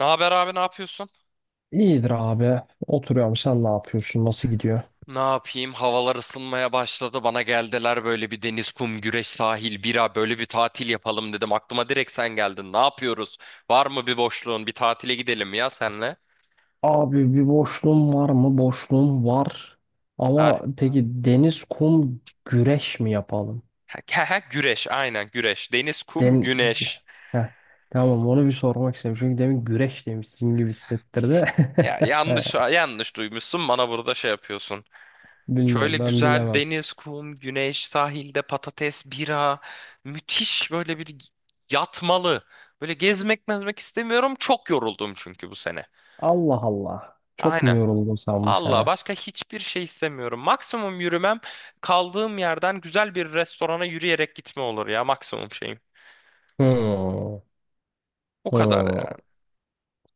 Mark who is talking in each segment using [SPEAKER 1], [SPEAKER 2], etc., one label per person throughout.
[SPEAKER 1] Ne haber abi ne yapıyorsun?
[SPEAKER 2] İyidir abi. Oturuyorum. Sen ne yapıyorsun? Nasıl gidiyor?
[SPEAKER 1] Ne yapayım? Havalar ısınmaya başladı. Bana geldiler böyle bir deniz, kum, güreş, sahil, bira böyle bir tatil yapalım dedim. Aklıma direkt sen geldin. Ne yapıyoruz? Var mı bir boşluğun? Bir tatile gidelim ya senle.
[SPEAKER 2] Abi bir boşluğum var mı? Boşluğum var. Ama
[SPEAKER 1] Har
[SPEAKER 2] peki deniz, kum, güreş mi yapalım?
[SPEAKER 1] ha, ha, güreş aynen güreş. Deniz, kum,
[SPEAKER 2] Den
[SPEAKER 1] güneş.
[SPEAKER 2] Heh, tamam onu bir sormak istedim. Çünkü demin güreş demişsin gibi hissettirdi.
[SPEAKER 1] Ya yanlış yanlış duymuşsun. Bana burada şey yapıyorsun. Şöyle
[SPEAKER 2] Bilmem ben
[SPEAKER 1] güzel
[SPEAKER 2] bilemem.
[SPEAKER 1] deniz, kum, güneş, sahilde patates, bira. Müthiş böyle bir yatmalı. Böyle gezmek mezmek istemiyorum. Çok yoruldum çünkü bu sene.
[SPEAKER 2] Allah Allah. Çok mu
[SPEAKER 1] Aynen.
[SPEAKER 2] yoruldun sen bu
[SPEAKER 1] Valla
[SPEAKER 2] sene?
[SPEAKER 1] başka hiçbir şey istemiyorum. Maksimum yürümem kaldığım yerden güzel bir restorana yürüyerek gitme olur ya maksimum şeyim.
[SPEAKER 2] Hmm,
[SPEAKER 1] O kadar
[SPEAKER 2] hmm.
[SPEAKER 1] ya.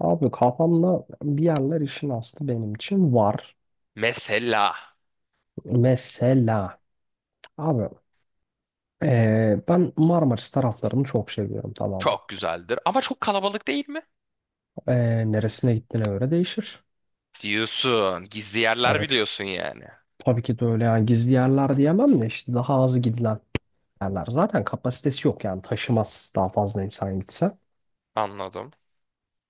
[SPEAKER 2] Abi kafamda bir yerler işin aslı benim için var.
[SPEAKER 1] Mesela
[SPEAKER 2] Mesela abi, ben Marmaris taraflarını çok seviyorum, tamam mı?
[SPEAKER 1] çok güzeldir ama çok kalabalık değil mi?
[SPEAKER 2] Neresine gittiğine göre değişir.
[SPEAKER 1] Diyorsun. Gizli yerler
[SPEAKER 2] Evet.
[SPEAKER 1] biliyorsun yani.
[SPEAKER 2] Tabii ki de öyle yani gizli yerler diyemem de işte daha az gidilen yerler. Zaten kapasitesi yok yani taşımaz daha fazla insan gitse.
[SPEAKER 1] Anladım.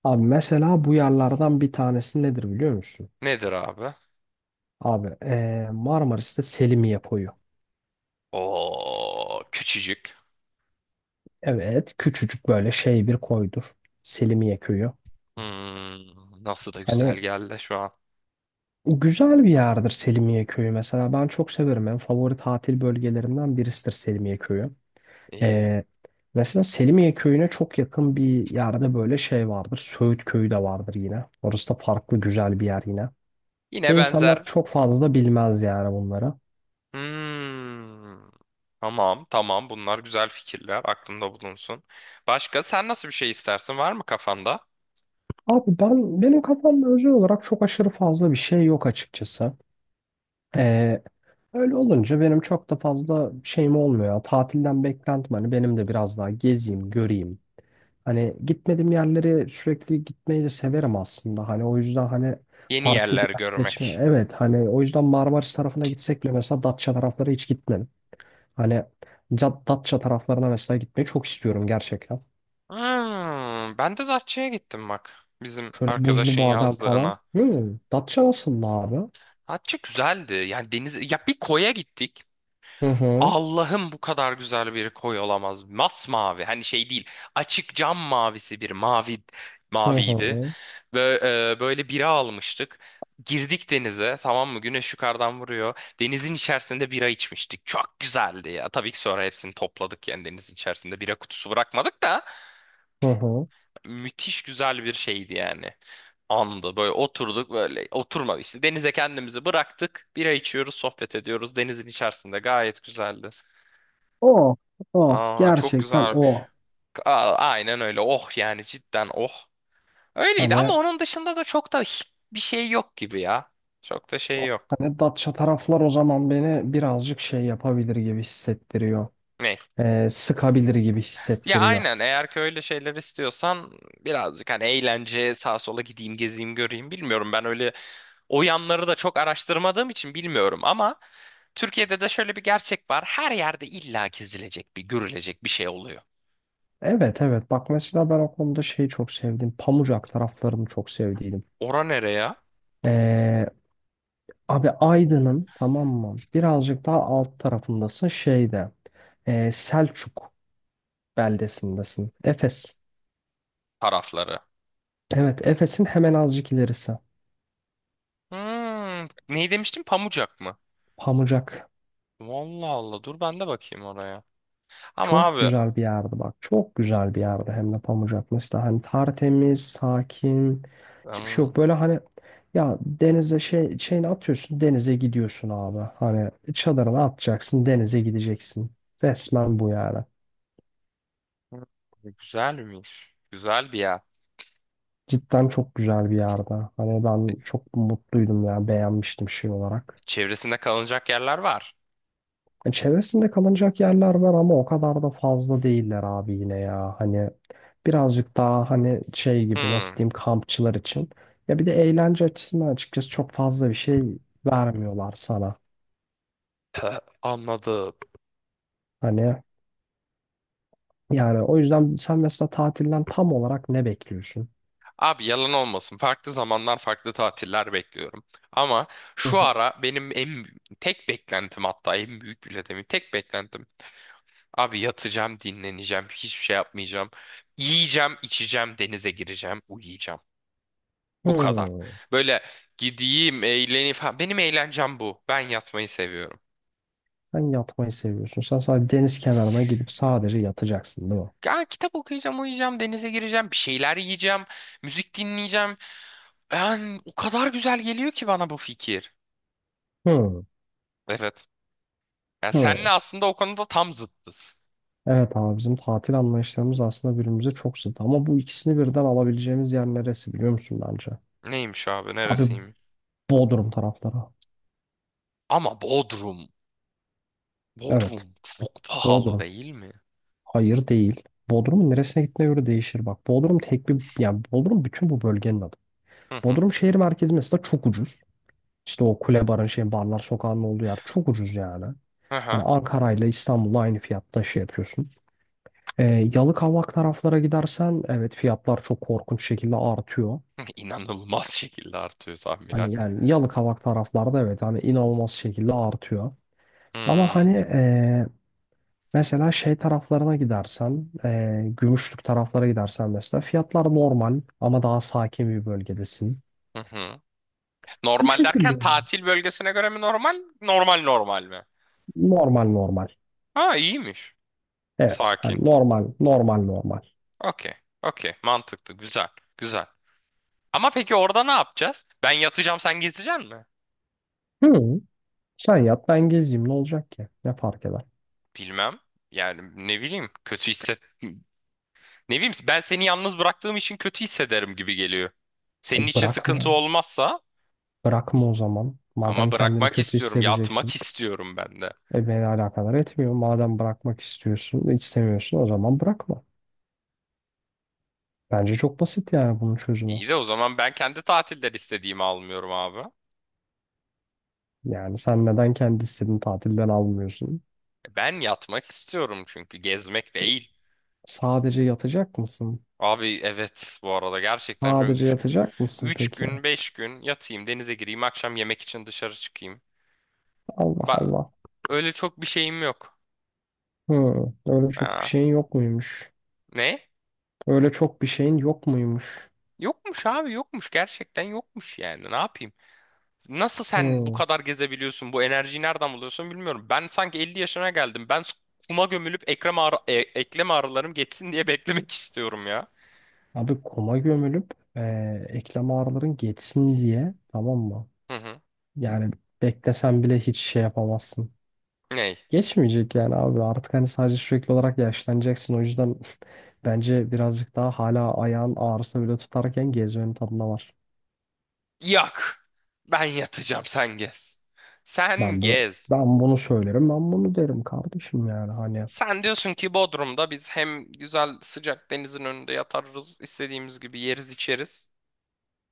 [SPEAKER 2] Abi mesela bu yerlerden bir tanesi nedir biliyor musun?
[SPEAKER 1] Nedir abi?
[SPEAKER 2] Abi Marmaris'te Selimiye koyu.
[SPEAKER 1] O küçücük.
[SPEAKER 2] Evet küçücük böyle şey bir koydur. Selimiye köyü.
[SPEAKER 1] Nasıl da güzel
[SPEAKER 2] Hani
[SPEAKER 1] geldi şu an.
[SPEAKER 2] güzel bir yerdir Selimiye Köyü mesela. Ben çok severim. En favori tatil bölgelerimden birisidir Selimiye Köyü.
[SPEAKER 1] İyi.
[SPEAKER 2] Ee, mesela Selimiye Köyü'ne çok yakın bir yerde böyle şey vardır. Söğüt Köyü de vardır yine. Orası da farklı güzel bir yer yine. Ve
[SPEAKER 1] Yine
[SPEAKER 2] insanlar
[SPEAKER 1] benzer.
[SPEAKER 2] çok fazla bilmez yani bunları.
[SPEAKER 1] Hmm. Tamam, tamam. Bunlar güzel fikirler. Aklımda bulunsun. Başka sen nasıl bir şey istersin? Var mı kafanda?
[SPEAKER 2] Abi ben benim kafamda özel olarak çok aşırı fazla bir şey yok açıkçası. Ee, öyle olunca benim çok da fazla şeyim olmuyor. Tatilden beklentim hani benim de biraz daha gezeyim, göreyim. Hani gitmediğim yerlere sürekli gitmeyi de severim aslında. Hani o yüzden hani
[SPEAKER 1] Yeni
[SPEAKER 2] farklı bir
[SPEAKER 1] yerler
[SPEAKER 2] yer seçme.
[SPEAKER 1] görmek.
[SPEAKER 2] Evet hani o yüzden Marmaris tarafına gitsek bile mesela Datça tarafları hiç gitmedim. Hani Datça taraflarına mesela gitmeyi çok istiyorum gerçekten.
[SPEAKER 1] Hmm, Ben de Datça'ya gittim bak. Bizim
[SPEAKER 2] Şöyle buzlu
[SPEAKER 1] arkadaşın
[SPEAKER 2] badem falan.
[SPEAKER 1] yazdığına.
[SPEAKER 2] Hmm, Datça nasıl abi?
[SPEAKER 1] Datça güzeldi. Yani deniz ya bir koya gittik.
[SPEAKER 2] Hı hı.
[SPEAKER 1] Allah'ım bu kadar güzel bir koy olamaz. Masmavi. Hani şey değil. Açık cam mavisi bir mavi
[SPEAKER 2] Hı
[SPEAKER 1] maviydi.
[SPEAKER 2] hı.
[SPEAKER 1] Ve böyle bira almıştık. Girdik denize tamam mı? Güneş yukarıdan vuruyor. Denizin içerisinde bira içmiştik. Çok güzeldi ya. Tabii ki sonra hepsini topladık yani denizin içerisinde bira kutusu bırakmadık da
[SPEAKER 2] Hı hı.
[SPEAKER 1] müthiş güzel bir şeydi yani. Andı böyle oturduk böyle oturmadı işte denize kendimizi bıraktık. Bira içiyoruz, sohbet ediyoruz. Denizin içerisinde gayet güzeldi.
[SPEAKER 2] O. O.
[SPEAKER 1] Aa çok
[SPEAKER 2] Gerçekten
[SPEAKER 1] güzel.
[SPEAKER 2] o.
[SPEAKER 1] Aa, aynen öyle. Oh yani cidden oh. Öyleydi ama
[SPEAKER 2] Hani
[SPEAKER 1] onun dışında da çok da hiç bir şey yok gibi ya. Çok da şey yok.
[SPEAKER 2] Datça taraflar o zaman beni birazcık şey yapabilir gibi hissettiriyor.
[SPEAKER 1] Ne?
[SPEAKER 2] Sıkabilir gibi
[SPEAKER 1] Ya
[SPEAKER 2] hissettiriyor.
[SPEAKER 1] aynen eğer ki öyle şeyler istiyorsan birazcık hani eğlence sağa sola gideyim gezeyim göreyim bilmiyorum. Ben öyle o yanları da çok araştırmadığım için bilmiyorum ama Türkiye'de de şöyle bir gerçek var. Her yerde illa gezilecek bir görülecek bir şey oluyor.
[SPEAKER 2] Evet evet bak mesela ben o konuda şeyi çok sevdim. Pamucak taraflarını çok sevdiydim.
[SPEAKER 1] Ora nereye?
[SPEAKER 2] Ee, abi Aydın'ın, tamam mı? Birazcık daha alt tarafındasın şeyde. Selçuk beldesindesin. Efes.
[SPEAKER 1] Tarafları.
[SPEAKER 2] Evet, Efes'in hemen azıcık ilerisi.
[SPEAKER 1] Ne demiştim? Pamucak mı?
[SPEAKER 2] Pamucak.
[SPEAKER 1] Vallahi Allah dur ben de bakayım oraya. Ama
[SPEAKER 2] Çok
[SPEAKER 1] abi
[SPEAKER 2] güzel bir yerdi bak. Çok güzel bir yerdi hem de Pamucak. Mesela hani tertemiz, sakin. Hiçbir şey
[SPEAKER 1] hmm,
[SPEAKER 2] yok. Böyle hani ya denize şey şeyini atıyorsun, denize gidiyorsun abi. Hani çadırını atacaksın, denize gideceksin. Resmen bu yani.
[SPEAKER 1] güzelmiş. Güzel bir yer.
[SPEAKER 2] Cidden çok güzel bir yerde. Hani ben çok mutluydum ya, beğenmiştim şey olarak.
[SPEAKER 1] Çevresinde kalınacak yerler var.
[SPEAKER 2] Çevresinde kalınacak yerler var ama o kadar da fazla değiller abi yine ya. Hani birazcık daha hani şey gibi nasıl
[SPEAKER 1] Hmm,
[SPEAKER 2] diyeyim kampçılar için. Ya bir de eğlence açısından açıkçası çok fazla bir şey vermiyorlar sana.
[SPEAKER 1] Anladım.
[SPEAKER 2] Hani yani o yüzden sen mesela tatilden tam olarak ne bekliyorsun?
[SPEAKER 1] Abi yalan olmasın. Farklı zamanlar, farklı tatiller bekliyorum. Ama
[SPEAKER 2] Hı
[SPEAKER 1] şu
[SPEAKER 2] hı.
[SPEAKER 1] ara benim en tek beklentim hatta en büyük bile demeyeyim. Tek beklentim. Abi yatacağım, dinleneceğim, hiçbir şey yapmayacağım. Yiyeceğim, içeceğim, denize gireceğim, uyuyacağım. Bu kadar.
[SPEAKER 2] Hmm.
[SPEAKER 1] Böyle gideyim, eğleneyim falan. Benim eğlencem bu. Ben yatmayı seviyorum.
[SPEAKER 2] Sen yatmayı seviyorsun. Sen sadece deniz kenarına gidip sadece yatacaksın değil mi?
[SPEAKER 1] Ya kitap okuyacağım, uyuyacağım, denize gireceğim, bir şeyler yiyeceğim, müzik dinleyeceğim. Ben o kadar güzel geliyor ki bana bu fikir.
[SPEAKER 2] Hmm.
[SPEAKER 1] Evet. Ya
[SPEAKER 2] Hmm.
[SPEAKER 1] senle aslında o konuda tam zıttız.
[SPEAKER 2] Evet abi bizim tatil anlayışlarımız aslında birbirimize çok zıt ama bu ikisini birden alabileceğimiz yer neresi biliyor musun bence?
[SPEAKER 1] Neymiş abi,
[SPEAKER 2] Abi
[SPEAKER 1] neresiymiş?
[SPEAKER 2] Bodrum tarafları.
[SPEAKER 1] Ama Bodrum.
[SPEAKER 2] Evet
[SPEAKER 1] Bodrum çok pahalı
[SPEAKER 2] Bodrum.
[SPEAKER 1] değil mi?
[SPEAKER 2] Hayır değil. Bodrum'un neresine gittiğine göre değişir bak. Bodrum tek bir yani Bodrum bütün bu bölgenin adı.
[SPEAKER 1] Hı hı.
[SPEAKER 2] Bodrum şehir merkezi mesela çok ucuz. İşte o kule barın şey barlar sokağının olduğu yer çok ucuz yani.
[SPEAKER 1] Hı
[SPEAKER 2] Hani
[SPEAKER 1] hı.
[SPEAKER 2] Ankara ile İstanbul'la aynı fiyatta şey yapıyorsun. Ee, Yalıkavak taraflara gidersen evet fiyatlar çok korkunç şekilde artıyor.
[SPEAKER 1] İnanılmaz şekilde artıyor tahminen.
[SPEAKER 2] Hani yani Yalıkavak taraflarda evet hani inanılmaz şekilde artıyor. Ama hani
[SPEAKER 1] Hmm.
[SPEAKER 2] mesela şey taraflarına gidersen, Gümüşlük taraflara gidersen mesela fiyatlar normal ama daha sakin bir bölgedesin.
[SPEAKER 1] Hı hı.
[SPEAKER 2] Bu
[SPEAKER 1] Normal
[SPEAKER 2] şekilde
[SPEAKER 1] derken
[SPEAKER 2] oluyor.
[SPEAKER 1] tatil bölgesine göre mi normal? Normal normal mi?
[SPEAKER 2] Normal normal.
[SPEAKER 1] Ha iyiymiş.
[SPEAKER 2] Evet hani
[SPEAKER 1] Sakin.
[SPEAKER 2] normal normal normal.
[SPEAKER 1] Okey. Okey. Mantıklı. Güzel. Güzel. Ama peki orada ne yapacağız? Ben yatacağım sen gezeceksin mi?
[SPEAKER 2] Hı, sen yat ben gezeyim ne olacak ki? Ne fark eder?
[SPEAKER 1] Bilmem. Yani ne bileyim. Kötü hisset. Ne bileyim ben seni yalnız bıraktığım için kötü hissederim gibi geliyor. Senin için sıkıntı
[SPEAKER 2] Bırakma.
[SPEAKER 1] olmazsa
[SPEAKER 2] Bırakma o zaman.
[SPEAKER 1] ama
[SPEAKER 2] Madem kendini
[SPEAKER 1] bırakmak
[SPEAKER 2] kötü
[SPEAKER 1] istiyorum. Yatmak
[SPEAKER 2] hissedeceksin.
[SPEAKER 1] istiyorum ben de.
[SPEAKER 2] E beni alakadar etmiyor. Madem bırakmak istiyorsun, istemiyorsun o zaman bırakma. Bence çok basit yani bunun çözümü.
[SPEAKER 1] İyi de o zaman ben kendi tatiller istediğimi almıyorum abi.
[SPEAKER 2] Yani sen neden kendi istediğin tatilden almıyorsun?
[SPEAKER 1] Ben yatmak istiyorum çünkü gezmek değil.
[SPEAKER 2] Sadece yatacak mısın?
[SPEAKER 1] Abi evet bu arada gerçekten şöyle
[SPEAKER 2] Sadece yatacak mısın
[SPEAKER 1] 3
[SPEAKER 2] peki?
[SPEAKER 1] gün 5 gün yatayım denize gireyim akşam yemek için dışarı çıkayım.
[SPEAKER 2] Allah
[SPEAKER 1] Bak
[SPEAKER 2] Allah.
[SPEAKER 1] öyle çok bir şeyim yok.
[SPEAKER 2] Hı, öyle çok bir
[SPEAKER 1] Ha,
[SPEAKER 2] şeyin yok muymuş?
[SPEAKER 1] ne?
[SPEAKER 2] Öyle çok bir şeyin yok muymuş?
[SPEAKER 1] Yokmuş abi yokmuş gerçekten yokmuş yani ne yapayım? Nasıl sen bu
[SPEAKER 2] Hı.
[SPEAKER 1] kadar gezebiliyorsun bu enerjiyi nereden buluyorsun bilmiyorum. Ben sanki 50 yaşına geldim ben kuma gömülüp eklem ağrılarım geçsin diye beklemek istiyorum ya.
[SPEAKER 2] Abi kuma gömülüp eklem ağrıların geçsin diye, tamam mı?
[SPEAKER 1] Hı hı.
[SPEAKER 2] Yani beklesen bile hiç şey yapamazsın.
[SPEAKER 1] Ney?
[SPEAKER 2] Geçmeyecek yani abi artık hani sadece sürekli olarak yaşlanacaksın o yüzden bence birazcık daha hala ayağın ağrısı bile tutarken gezmenin tadına var.
[SPEAKER 1] Yak. Ben yatacağım sen gez. Sen
[SPEAKER 2] Ben böyle
[SPEAKER 1] gez.
[SPEAKER 2] ben bunu söylerim ben bunu derim kardeşim yani hani
[SPEAKER 1] Sen diyorsun ki Bodrum'da biz hem güzel sıcak denizin önünde yatarız, istediğimiz gibi yeriz içeriz.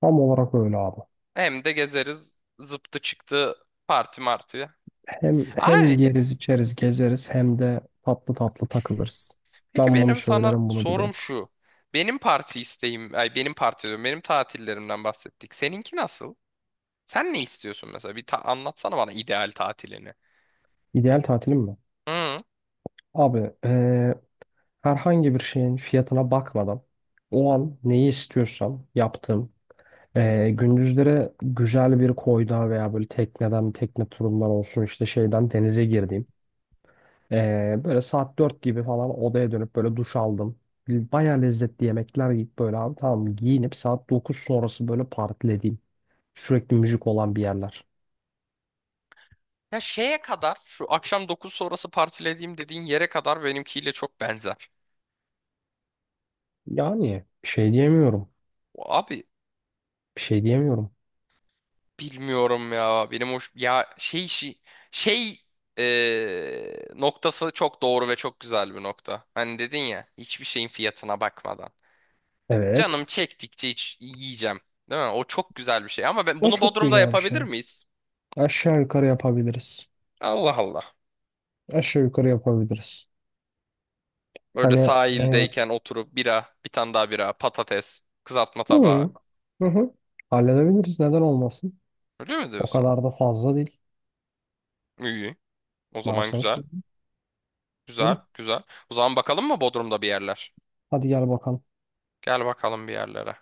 [SPEAKER 2] tam olarak öyle abi.
[SPEAKER 1] Hem de gezeriz zıptı çıktı parti martı.
[SPEAKER 2] Hem
[SPEAKER 1] Ay,
[SPEAKER 2] yeriz içeriz gezeriz hem de tatlı tatlı takılırız.
[SPEAKER 1] peki
[SPEAKER 2] Ben bunu
[SPEAKER 1] benim sana
[SPEAKER 2] söylerim bunu bilirim.
[SPEAKER 1] sorum şu. Benim parti isteğim, ay benim parti diyorum, benim tatillerimden bahsettik. Seninki nasıl? Sen ne istiyorsun mesela? Anlatsana bana ideal tatilini.
[SPEAKER 2] İdeal tatilim mi?
[SPEAKER 1] Hı.
[SPEAKER 2] Abi herhangi bir şeyin fiyatına bakmadan o an neyi istiyorsam yaptığım. Gündüzlere güzel bir koyda veya böyle tekneden, tekne turundan olsun işte şeyden denize girdiğim. Böyle saat 4 gibi falan odaya dönüp böyle duş aldım. Baya lezzetli yemekler yiyip böyle abi tamam giyinip saat 9 sonrası böyle partilediğim. Sürekli müzik olan bir yerler.
[SPEAKER 1] Ya şeye kadar şu akşam 9 sonrası partilediğim dediğin yere kadar benimkiyle çok benzer.
[SPEAKER 2] Yani bir şey diyemiyorum.
[SPEAKER 1] Abi
[SPEAKER 2] Bir şey diyemiyorum.
[SPEAKER 1] bilmiyorum ya. Benim hoş ya şey noktası çok doğru ve çok güzel bir nokta. Hani dedin ya hiçbir şeyin fiyatına bakmadan.
[SPEAKER 2] Evet.
[SPEAKER 1] Canım çektikçe hiç yiyeceğim. Değil mi? O çok güzel bir şey. Ama ben
[SPEAKER 2] O
[SPEAKER 1] bunu
[SPEAKER 2] çok
[SPEAKER 1] Bodrum'da
[SPEAKER 2] güzel bir şey.
[SPEAKER 1] yapabilir miyiz?
[SPEAKER 2] Aşağı yukarı yapabiliriz.
[SPEAKER 1] Allah Allah.
[SPEAKER 2] Aşağı yukarı yapabiliriz.
[SPEAKER 1] Böyle
[SPEAKER 2] Hani e,
[SPEAKER 1] sahildeyken oturup bira, bir tane daha bira, patates, kızartma tabağı.
[SPEAKER 2] hı, hı hı. Halledebiliriz, neden olmasın?
[SPEAKER 1] Öyle mi
[SPEAKER 2] O
[SPEAKER 1] diyorsun?
[SPEAKER 2] kadar da fazla değil.
[SPEAKER 1] İyi. O
[SPEAKER 2] Ben
[SPEAKER 1] zaman
[SPEAKER 2] sana
[SPEAKER 1] güzel.
[SPEAKER 2] söyleyeyim.
[SPEAKER 1] Güzel,
[SPEAKER 2] Öyle.
[SPEAKER 1] güzel. O zaman bakalım mı Bodrum'da bir yerler?
[SPEAKER 2] Hadi gel bakalım.
[SPEAKER 1] Gel bakalım bir yerlere.